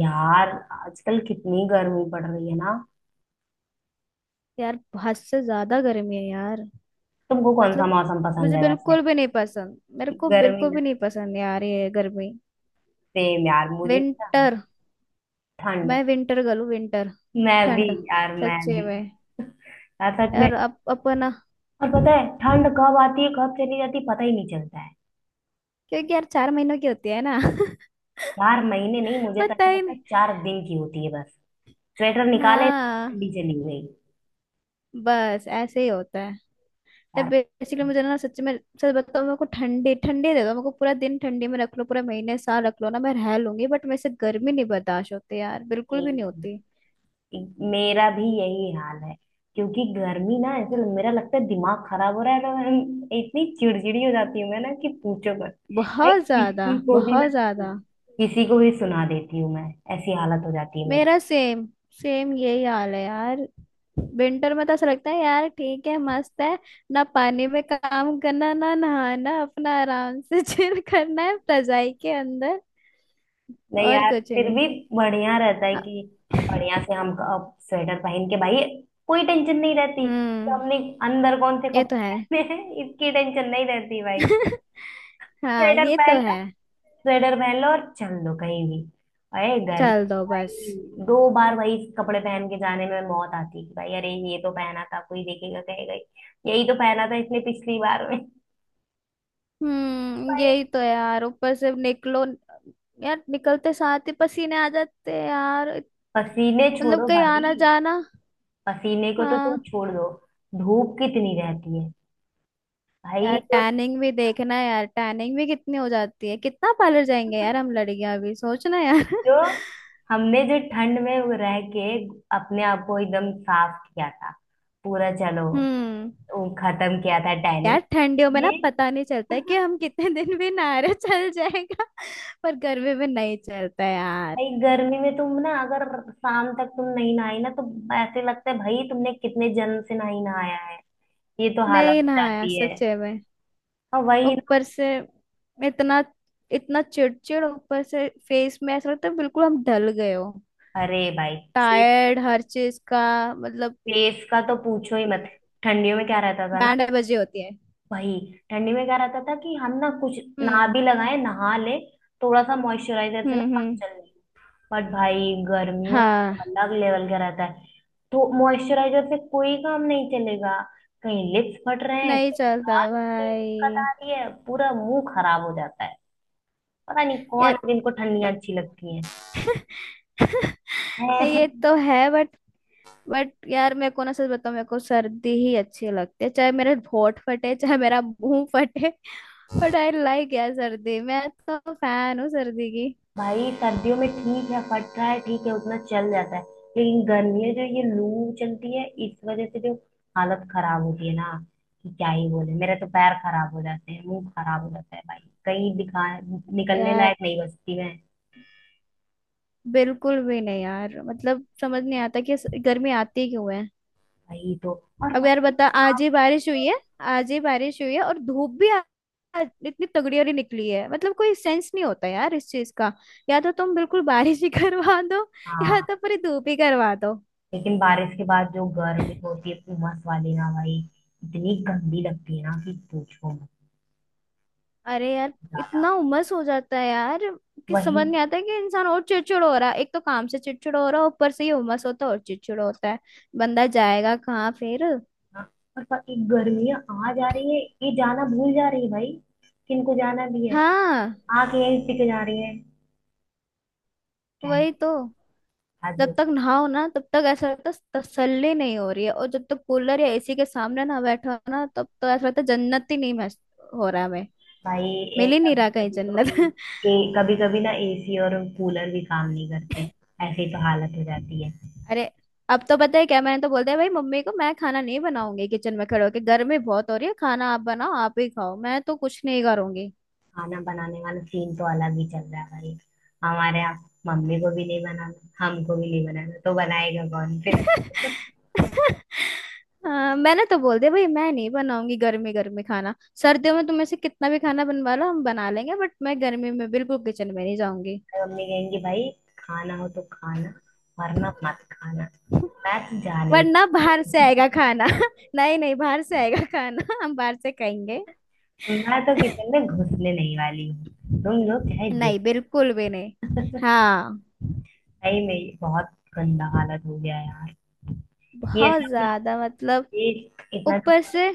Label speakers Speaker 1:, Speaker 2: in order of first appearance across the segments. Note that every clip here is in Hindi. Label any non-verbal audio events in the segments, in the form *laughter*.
Speaker 1: यार आजकल कितनी गर्मी पड़ रही है ना।
Speaker 2: यार, हद से ज्यादा गर्मी है यार।
Speaker 1: तुमको कौन सा
Speaker 2: मतलब
Speaker 1: मौसम पसंद
Speaker 2: मुझे
Speaker 1: है वैसे?
Speaker 2: बिल्कुल भी नहीं पसंद, मेरे को
Speaker 1: गर्मी
Speaker 2: बिल्कुल
Speaker 1: ना,
Speaker 2: भी नहीं पसंद यार ये गर्मी।
Speaker 1: सेम यार, मुझे ना
Speaker 2: विंटर।
Speaker 1: ठंड।
Speaker 2: मैं विंटर गर्ल हूँ। विंटर।
Speaker 1: मैं भी
Speaker 2: ठंड।
Speaker 1: यार, मैं
Speaker 2: सच्चे
Speaker 1: भी।
Speaker 2: में।
Speaker 1: यार सच में।
Speaker 2: यार अब अपन,
Speaker 1: और पता है ठंड कब आती है, कब चली जाती है, पता ही नहीं चलता है।
Speaker 2: क्योंकि यार 4 महीनों की होती है ना *laughs*
Speaker 1: चार महीने नहीं, मुझे तो
Speaker 2: पता
Speaker 1: ऐसा
Speaker 2: ही
Speaker 1: लगता
Speaker 2: नहीं।
Speaker 1: है 4 दिन की होती है बस। स्वेटर निकाले
Speaker 2: हाँ,
Speaker 1: ठंडी चली गई।
Speaker 2: बस ऐसे ही होता है। तो बेसिकली मुझे ना सच में, सच बताओ, मेरे को ठंडी ठंडी दे दो, मेरे को पूरा दिन ठंडी में रख लो, पूरा महीने साल रख लो ना, मैं रह लूंगी। बट मेरे से गर्मी नहीं बर्दाश्त होती यार, बिल्कुल भी नहीं होती।
Speaker 1: यार मेरा भी यही हाल है, क्योंकि गर्मी ना मेरा लगता है दिमाग खराब हो रहा है, और इतनी चिड़चिड़ी हो जाती हूँ मैं ना कि पूछो मत। भाई
Speaker 2: बहुत ज्यादा, बहुत ज्यादा।
Speaker 1: किसी को भी सुना देती हूँ मैं। ऐसी हालत हो जाती है मेरी।
Speaker 2: मेरा सेम, सेम यही हाल है यार। विंटर में तो ऐसा लगता है यार ठीक है, मस्त है। ना पानी में काम करना, ना नहाना, अपना आराम से *laughs* चिल करना है रजाई के अंदर,
Speaker 1: नहीं
Speaker 2: और
Speaker 1: यार,
Speaker 2: कुछ
Speaker 1: फिर
Speaker 2: नहीं।
Speaker 1: भी बढ़िया रहता है
Speaker 2: हाँ।
Speaker 1: कि अब बढ़िया से हम अब स्वेटर पहन के भाई कोई टेंशन नहीं रहती कि
Speaker 2: हम्म।
Speaker 1: हमने अंदर कौन से
Speaker 2: ये तो
Speaker 1: कपड़े
Speaker 2: है।
Speaker 1: पहने हैं, इसकी टेंशन नहीं रहती भाई।
Speaker 2: *laughs* हाँ,
Speaker 1: स्वेटर
Speaker 2: ये तो
Speaker 1: पहन
Speaker 2: है।
Speaker 1: स्वेटर पहन लो और चल दो कहीं भी। अरे गर्मी
Speaker 2: चल दो बस।
Speaker 1: भाई, 2 बार वही कपड़े पहन के जाने में मौत आती है कि भाई, अरे ये तो पहना था, कोई देखेगा कहेगा यही तो पहना था इसने पिछली बार में।
Speaker 2: हम्म,
Speaker 1: भाई
Speaker 2: यही तो है यार। ऊपर से निकलो यार, निकलते साथ ही पसीने आ जाते हैं यार।
Speaker 1: पसीने
Speaker 2: मतलब
Speaker 1: छोड़ो
Speaker 2: कहीं
Speaker 1: भाई,
Speaker 2: आना जाना।
Speaker 1: पसीने को तो तुम
Speaker 2: हाँ।
Speaker 1: छोड़ दो। धूप कितनी रहती है
Speaker 2: यार
Speaker 1: भाई। जो
Speaker 2: टैनिंग भी देखना है यार, टैनिंग भी कितनी हो जाती है, कितना पार्लर जाएंगे यार हम लड़कियां, अभी सोचना यार
Speaker 1: जो
Speaker 2: *laughs*
Speaker 1: हमने जो ठंड में वो रह के अपने आप को एकदम साफ किया था, पूरा चलो
Speaker 2: हम्म।
Speaker 1: वो खत्म किया था
Speaker 2: यार ठंडियों
Speaker 1: टैनिंग।
Speaker 2: में ना
Speaker 1: ये
Speaker 2: पता नहीं चलता
Speaker 1: *laughs*
Speaker 2: है कि हम कितने दिन भी नहारे चल जाएगा *laughs* पर गर्मी में नहीं चलता यार।
Speaker 1: भाई गर्मी में तुम ना, अगर शाम तक तुम नहीं नहाई ना, तो ऐसे लगता है भाई तुमने कितने जन्म से नहीं नहाया है। ये तो हालत
Speaker 2: नहीं
Speaker 1: हो
Speaker 2: नहाया
Speaker 1: जाती है।
Speaker 2: सच्चे में,
Speaker 1: और वही ना,
Speaker 2: ऊपर से इतना, इतना चिड़चिड़। ऊपर से फेस में ऐसा लगता है बिल्कुल हम ढल गए हो,
Speaker 1: अरे भाई फेस
Speaker 2: टायर्ड हर चीज का। मतलब
Speaker 1: फेस का तो पूछो ही मत। ठंडियों में क्या रहता था ना
Speaker 2: बैंड बजे होती है।
Speaker 1: भाई, ठंडी में क्या रहता था कि हम ना कुछ ना
Speaker 2: हम्म।
Speaker 1: भी लगाए नहा ले, थोड़ा सा मॉइस्चराइजर से ना
Speaker 2: हम्म।
Speaker 1: काम
Speaker 2: हम्म।
Speaker 1: चल जाए। बट भाई गर्मियों में
Speaker 2: हाँ।
Speaker 1: अलग लेवल का रहता है, तो मॉइस्चराइजर से कोई काम नहीं चलेगा। कहीं लिप्स फट रहे हैं,
Speaker 2: नहीं
Speaker 1: कहीं
Speaker 2: चलता
Speaker 1: दांत में दिक्कत
Speaker 2: भाई
Speaker 1: आ रही है, पूरा मुंह खराब हो जाता है। पता नहीं कौन
Speaker 2: यार
Speaker 1: है जिनको ठंडियां अच्छी लगती हैं।
Speaker 2: *laughs*
Speaker 1: *laughs* हैं।
Speaker 2: ये तो है बट, यार मेरे को ना सच बताऊं, मेरे को सर्दी ही अच्छी लगती है, चाहे मेरे होंठ फटे, चाहे मेरा मुंह फटे *laughs* बट आई लाइक यार सर्दी, मैं तो फैन हूँ सर्दी की।
Speaker 1: भाई सर्दियों में ठीक है, फट रहा है ठीक है, उतना चल जाता है। लेकिन गर्मियों जो ये लू चलती है, इस वजह से जो हालत खराब होती है ना, कि क्या ही बोले। मेरे तो पैर खराब हो जाते हैं, मुंह खराब हो जाता है भाई, कहीं दिखा निकलने
Speaker 2: यार
Speaker 1: लायक नहीं बचती मैं।
Speaker 2: बिल्कुल भी नहीं यार, मतलब समझ नहीं आता कि गर्मी आती क्यों है।
Speaker 1: वही तो। और
Speaker 2: अब यार
Speaker 1: बाकी
Speaker 2: बता, आज ही बारिश हुई है, आज ही बारिश हुई है और आज इतनी तगड़ी वाली निकली है, मतलब कोई सेंस नहीं होता यार इस चीज का। या तो तुम बिल्कुल बारिश ही *laughs* करवा दो, या
Speaker 1: हाँ,
Speaker 2: तो पूरी धूप ही करवा दो।
Speaker 1: लेकिन बारिश के बाद जो गर्मी होती है उमस वाली ना भाई, इतनी गंदी लगती है ना कि पूछो मत।
Speaker 2: अरे यार,
Speaker 1: ज्यादा
Speaker 2: इतना उमस हो जाता है यार कि
Speaker 1: वही।
Speaker 2: समझ नहीं आता, कि इंसान और चिड़चिड़ हो रहा है, एक तो काम से चिड़चिड़ हो रहा है, ऊपर से ये उमस होता है और चिड़चिड़ होता है। बंदा जाएगा कहाँ फिर।
Speaker 1: हाँ, और पर ये गर्मियाँ आ जा रही है, ये जाना भूल जा रही है भाई। किनको जाना भी है,
Speaker 2: हाँ,
Speaker 1: आके यही टिक जा रही है। क्या है,
Speaker 2: वही तो।
Speaker 1: हद हो।
Speaker 2: जब तक नहाओ ना तब तक ऐसा लगता है तसल्ली नहीं हो रही है, और जब तक कूलर या एसी के सामने ना बैठो ना तब तो ऐसा लगता है जन्नत ही नहीं हो रहा है, हमें
Speaker 1: भाई
Speaker 2: मिल
Speaker 1: एक
Speaker 2: ही नहीं रहा कहीं
Speaker 1: कभी कभी तो
Speaker 2: जन्नत
Speaker 1: ए, ए,
Speaker 2: *laughs*
Speaker 1: कभी कभी ना एसी और कूलर भी काम नहीं करते। ऐसी तो हालत हो जाती है।
Speaker 2: अरे अब तो पता है क्या, मैंने तो बोल दिया भाई मम्मी को, मैं खाना नहीं बनाऊंगी, किचन में खड़े होके गर्मी बहुत हो रही है, खाना आप बनाओ, आप ही खाओ, मैं तो कुछ नहीं करूंगी।
Speaker 1: खाना बनाने वाला सीन तो अलग ही चल रहा है भाई हमारे यहाँ। मम्मी को भी नहीं बनाना, हमको भी नहीं बनाना, तो बनाएगा कौन फिर? *laughs*
Speaker 2: *laughs* हाँ, मैंने तो बोल दिया भाई, मैं नहीं बनाऊंगी गर्मी गर्मी खाना। सर्दियों में तुम ऐसे कितना भी खाना बनवा लो हम बना लेंगे, बट मैं गर्मी में बिल्कुल किचन में नहीं जाऊंगी।
Speaker 1: मम्मी कहेंगी भाई खाना हो तो खाना, वरना मत खाना। मैं तो जा नहीं।
Speaker 2: वरना बाहर से आएगा खाना *laughs* नहीं नहीं, बाहर से आएगा खाना *laughs* हम बाहर से खाएंगे।
Speaker 1: मैं तो किचन में घुसने नहीं वाली हूँ, तुम लोग चाहे जो।
Speaker 2: नहीं, बिल्कुल भी नहीं। हाँ,
Speaker 1: सही में बहुत गंदा हालत हो गया है यार। ये
Speaker 2: बहुत
Speaker 1: सब ना,
Speaker 2: ज्यादा, मतलब
Speaker 1: ये इतना
Speaker 2: ऊपर से।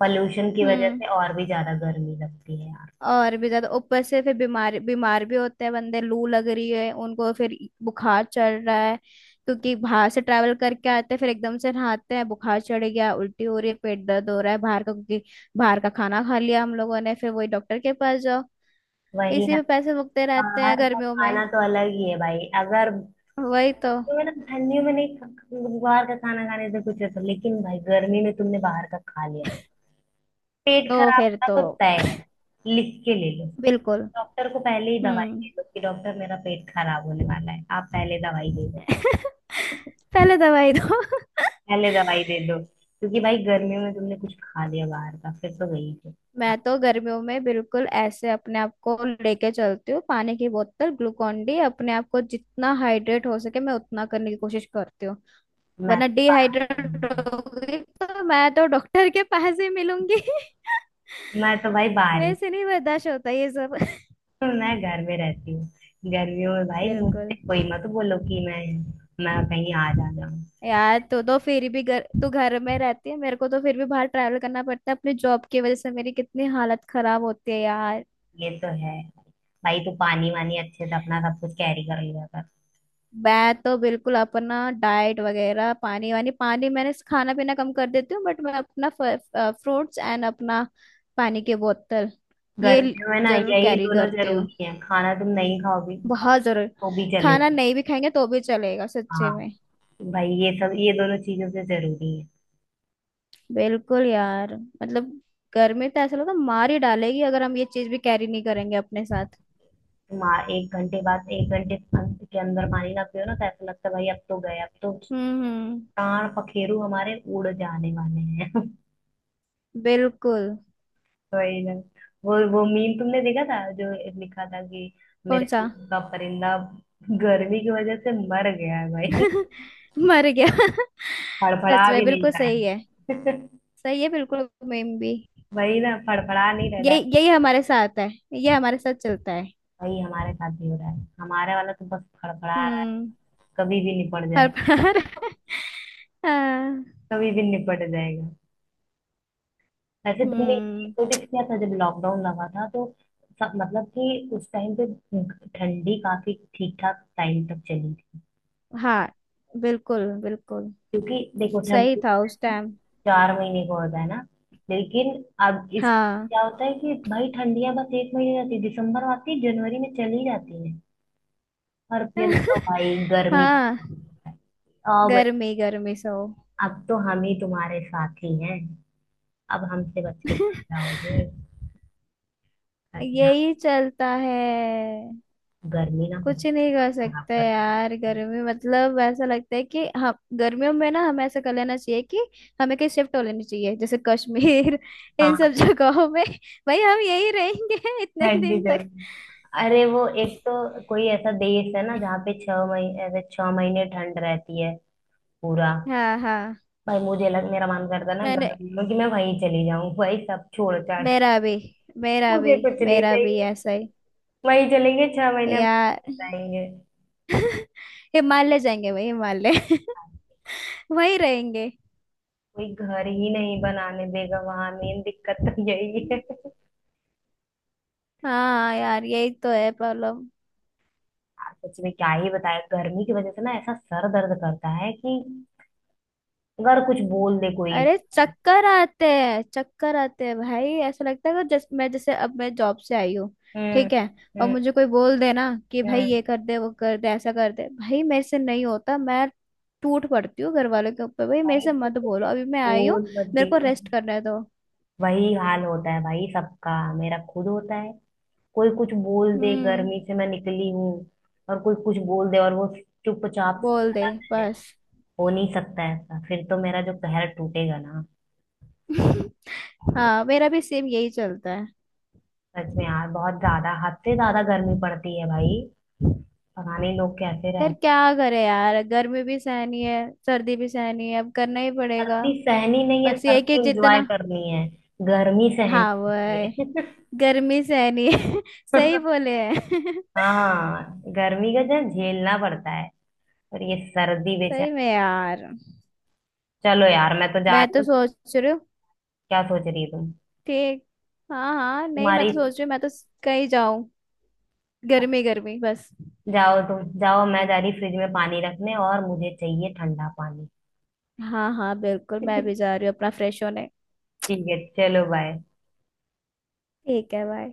Speaker 1: पॉल्यूशन की वजह
Speaker 2: हम्म।
Speaker 1: से और भी ज्यादा गर्मी लगती है यार।
Speaker 2: और भी ज्यादा, ऊपर से फिर बीमार, बीमार भी होते हैं बंदे, लू लग रही है उनको, फिर बुखार चढ़ रहा है क्योंकि बाहर से ट्रैवल करके आते हैं, फिर एकदम से नहाते हैं, बुखार चढ़ गया, उल्टी हो रही है, पेट दर्द हो रहा है। बाहर का, क्योंकि बाहर का खाना खा लिया हम लोगों ने, फिर वही डॉक्टर के पास जाओ,
Speaker 1: वही
Speaker 2: इसी
Speaker 1: ना,
Speaker 2: में पैसे मुकते रहते हैं
Speaker 1: बाहर का
Speaker 2: गर्मियों में।
Speaker 1: खाना तो अलग ही है भाई। अगर
Speaker 2: वही तो
Speaker 1: तो मतलब ठंडियों में नहीं खा- बाहर का खाना खाने से कुछ असर, लेकिन भाई गर्मी में तुमने बाहर का खा लिया, पेट
Speaker 2: तो
Speaker 1: खराब
Speaker 2: फिर
Speaker 1: होना
Speaker 2: तो
Speaker 1: तो तय है। लिख के ले लो।
Speaker 2: बिल्कुल।
Speaker 1: डॉक्टर को पहले ही दवाई
Speaker 2: हम्म।
Speaker 1: दे दो कि डॉक्टर मेरा पेट खराब होने वाला है, आप पहले दवाई दे दो।
Speaker 2: *laughs* पहले दवाई दो *laughs*
Speaker 1: पहले दवाई दे दो। क्योंकि भाई गर्मियों में तुमने कुछ खा लिया बाहर का, फिर तो गई फिर। हाँ,
Speaker 2: मैं तो गर्मियों में बिल्कुल ऐसे अपने आप को लेके चलती हूँ, पानी की बोतल, ग्लूकॉन डी, अपने आप को जितना हाइड्रेट हो सके मैं उतना करने की कोशिश करती हूँ।
Speaker 1: मैं
Speaker 2: वरना
Speaker 1: तो
Speaker 2: डिहाइड्रेट
Speaker 1: बाहर
Speaker 2: होगी तो मैं तो डॉक्टर के पास ही मिलूंगी *laughs*
Speaker 1: मैं तो भाई बाहर
Speaker 2: वैसे
Speaker 1: ही
Speaker 2: नहीं बर्दाश्त होता ये सब
Speaker 1: हूँ। *laughs* मैं घर में रहती हूँ। गर्मियों में
Speaker 2: *laughs*
Speaker 1: भाई मुझसे
Speaker 2: बिल्कुल
Speaker 1: कोई मत बोलो कि मैं कहीं आ जा जाऊँ।
Speaker 2: यार, तो फिर भी घर, तू घर में रहती है, मेरे को तो फिर भी बाहर ट्रैवल करना पड़ता है अपने जॉब की वजह से, मेरी कितनी हालत खराब होती है यार।
Speaker 1: ये तो है। भाई तू पानी वानी अच्छे से अपना सब कुछ कैरी कर लिया कर।
Speaker 2: मैं तो बिल्कुल अपना डाइट वगैरह, पानी वानी, पानी मैंने खाना पीना कम कर देती हूँ, बट मैं अपना फ्रूट्स एंड अपना पानी की बोतल, ये ल-
Speaker 1: गर्मियों में ना
Speaker 2: जरूर
Speaker 1: यही
Speaker 2: कैरी
Speaker 1: दोनों
Speaker 2: करती हूँ,
Speaker 1: जरूरी है, खाना तुम नहीं खाओगे खाओगे
Speaker 2: बहुत जरूर।
Speaker 1: तो भी
Speaker 2: खाना
Speaker 1: चलेगा।
Speaker 2: नहीं भी खाएंगे तो भी चलेगा सच्चे
Speaker 1: हाँ
Speaker 2: में।
Speaker 1: भाई ये सब, ये दोनों चीजों से जरूरी है।
Speaker 2: बिल्कुल यार, मतलब गर्मी तो ऐसा लगता है मार ही डालेगी, अगर हम ये चीज भी कैरी नहीं करेंगे अपने साथ।
Speaker 1: 1 घंटे बाद 1 घंटे अंत के अंदर पानी ना पियो ना, तो ऐसा लगता है भाई अब तो गए, अब तो
Speaker 2: हम्म। हम्म।
Speaker 1: प्राण पखेरु हमारे उड़ जाने वाले हैं। *laughs*
Speaker 2: बिल्कुल।
Speaker 1: वही ना। वो मीम तुमने देखा था जो लिखा था कि
Speaker 2: कौन
Speaker 1: मेरे
Speaker 2: सा?
Speaker 1: दूध का परिंदा गर्मी की वजह से मर गया है भाई,
Speaker 2: *laughs* मर गया *laughs* सच
Speaker 1: फड़फड़ा
Speaker 2: में
Speaker 1: भी नहीं
Speaker 2: बिल्कुल
Speaker 1: रहा
Speaker 2: सही है,
Speaker 1: है। *laughs*
Speaker 2: सही है बिल्कुल, मेम भी।
Speaker 1: वही ना, फड़फड़ा नहीं रह रहा
Speaker 2: यही
Speaker 1: है।
Speaker 2: यही हमारे साथ है, ये हमारे साथ चलता है।
Speaker 1: वही हमारे साथ भी हो रहा है, हमारे वाला तो बस फड़फड़ा रहा है,
Speaker 2: हम्म।
Speaker 1: कभी भी निपट
Speaker 2: हर
Speaker 1: जाएगा।
Speaker 2: बार *laughs* हाँ,
Speaker 1: कभी भी निपट जाएगा। वैसे तुमने
Speaker 2: हम्म।
Speaker 1: नोटिस किया था जब लॉकडाउन लगा था तो सब, मतलब कि उस टाइम पे ठंडी काफी ठीक ठाक टाइम तक चली थी।
Speaker 2: हाँ, बिल्कुल बिल्कुल
Speaker 1: क्योंकि देखो
Speaker 2: सही
Speaker 1: ठंडी
Speaker 2: था उस टाइम।
Speaker 1: 4 महीने को होता है ना, लेकिन अब इस
Speaker 2: हाँ
Speaker 1: क्या होता है कि भाई ठंडियां बस 1 महीने रहती है, दिसंबर आती है, जनवरी में चली जाती है। और फिर तो
Speaker 2: *laughs*
Speaker 1: भाई गर्मी,
Speaker 2: हाँ,
Speaker 1: आओ बे-
Speaker 2: गर्मी गर्मी सो
Speaker 1: अब तो हम ही तुम्हारे साथी हैं, अब हमसे बच के
Speaker 2: *laughs*
Speaker 1: कहाँ जाओगे। सच में,
Speaker 2: यही चलता है।
Speaker 1: गर्मी ना
Speaker 2: कुछ
Speaker 1: बहुत
Speaker 2: नहीं कर
Speaker 1: खराब
Speaker 2: सकते
Speaker 1: करती
Speaker 2: यार,
Speaker 1: है।
Speaker 2: गर्मी, मतलब ऐसा लगता है कि हम, गर्मियों में ना हमें ऐसा कर लेना चाहिए कि हमें कहीं शिफ्ट हो लेनी चाहिए, जैसे कश्मीर *laughs* इन
Speaker 1: हाँ
Speaker 2: सब जगहों में। भाई हम यही रहेंगे *laughs* इतने
Speaker 1: ठंडी
Speaker 2: दिन तक।
Speaker 1: जगह, अरे वो एक तो कोई ऐसा देश है ना जहाँ पे 6 महीने, ऐसे 6 महीने ठंड रहती है पूरा।
Speaker 2: हाँ हाँ,
Speaker 1: भाई मुझे लग, मेरा मन करता है ना
Speaker 2: मैंने,
Speaker 1: गर्मी में कि मैं वहीं चली जाऊँ भाई सब छोड़ छाड़ के।
Speaker 2: मेरा भी, मेरा भी,
Speaker 1: मुझे कुछ नहीं
Speaker 2: मेरा भी
Speaker 1: चाहिए,
Speaker 2: ऐसा ही।
Speaker 1: वहीं चलेंगे, 6 महीने हम
Speaker 2: यार
Speaker 1: रहेंगे।
Speaker 2: हिमालय जाएंगे भाई, हिमालय *laughs* वहीं रहेंगे।
Speaker 1: कोई घर ही नहीं बनाने देगा वहां, मेन दिक्कत तो यही है यार।
Speaker 2: हाँ यार, यही तो है प्रॉब्लम।
Speaker 1: सच में क्या ही बताए, गर्मी की वजह से ना ऐसा सर दर्द करता है कि अगर कुछ बोल दे कोई।
Speaker 2: अरे चक्कर आते हैं, चक्कर आते हैं भाई, ऐसा लगता है कि जैसे मैं, जैसे अब मैं जॉब से आई हूँ,
Speaker 1: हम्म।
Speaker 2: ठीक है, और
Speaker 1: हम्म।
Speaker 2: मुझे कोई बोल देना कि भाई
Speaker 1: हम्म।
Speaker 2: ये कर दे, वो कर दे, ऐसा कर दे, भाई मेरे से नहीं होता, मैं टूट पड़ती हूँ घर वालों के ऊपर, भाई मेरे
Speaker 1: भाई
Speaker 2: से
Speaker 1: तो
Speaker 2: मत बोलो
Speaker 1: कुछ
Speaker 2: अभी, मैं आई हूँ,
Speaker 1: बोल मत
Speaker 2: मेरे को
Speaker 1: दियो।
Speaker 2: रेस्ट करने दो।
Speaker 1: वही हाल होता है भाई सबका, मेरा खुद होता है। कोई कुछ बोल दे,
Speaker 2: हम्म।
Speaker 1: गर्मी से मैं निकली हूँ और कोई कुछ बोल दे और वो चुपचाप
Speaker 2: बोल दे
Speaker 1: चला जाए,
Speaker 2: बस।
Speaker 1: हो नहीं सकता ऐसा। फिर तो मेरा जो कहर टूटेगा ना।
Speaker 2: *laughs* हाँ, मेरा भी सेम यही चलता है।
Speaker 1: सच में यार बहुत ज्यादा, हद से ज्यादा गर्मी पड़ती है भाई, पता नहीं लोग कैसे
Speaker 2: यार
Speaker 1: रह।
Speaker 2: क्या करे यार, गर्मी भी सहनी है, सर्दी भी सहनी है, अब करना ही पड़ेगा।
Speaker 1: सर्दी सहनी नहीं है,
Speaker 2: बस ये है कि
Speaker 1: सर्दी एंजॉय
Speaker 2: जितना,
Speaker 1: करनी है, गर्मी सहनी
Speaker 2: हाँ वो
Speaker 1: होती
Speaker 2: है।
Speaker 1: है।
Speaker 2: गर्मी सहनी है *laughs* सही
Speaker 1: *laughs*
Speaker 2: बोले हैं *laughs*
Speaker 1: हाँ गर्मी का जो झेलना पड़ता है, और ये सर्दी
Speaker 2: सही
Speaker 1: बेचारा।
Speaker 2: में यार।
Speaker 1: चलो यार मैं तो जा
Speaker 2: मैं
Speaker 1: रही
Speaker 2: तो
Speaker 1: हूँ।
Speaker 2: सोच रही हूँ।
Speaker 1: क्या सोच रही हो तुम?
Speaker 2: ठीक। हाँ हाँ, नहीं मैं
Speaker 1: तुम्हारी,
Speaker 2: तो सोच रही हूँ, मैं तो कहीं जाऊँ, गर्मी गर्मी बस।
Speaker 1: जाओ तुम जाओ, मैं जा रही फ्रिज में पानी रखने और मुझे चाहिए ठंडा पानी।
Speaker 2: हाँ हाँ बिल्कुल, मैं भी जा
Speaker 1: *laughs*
Speaker 2: रही हूँ अपना फ्रेश होने।
Speaker 1: ठीक है, चलो बाय।
Speaker 2: ठीक है बाय।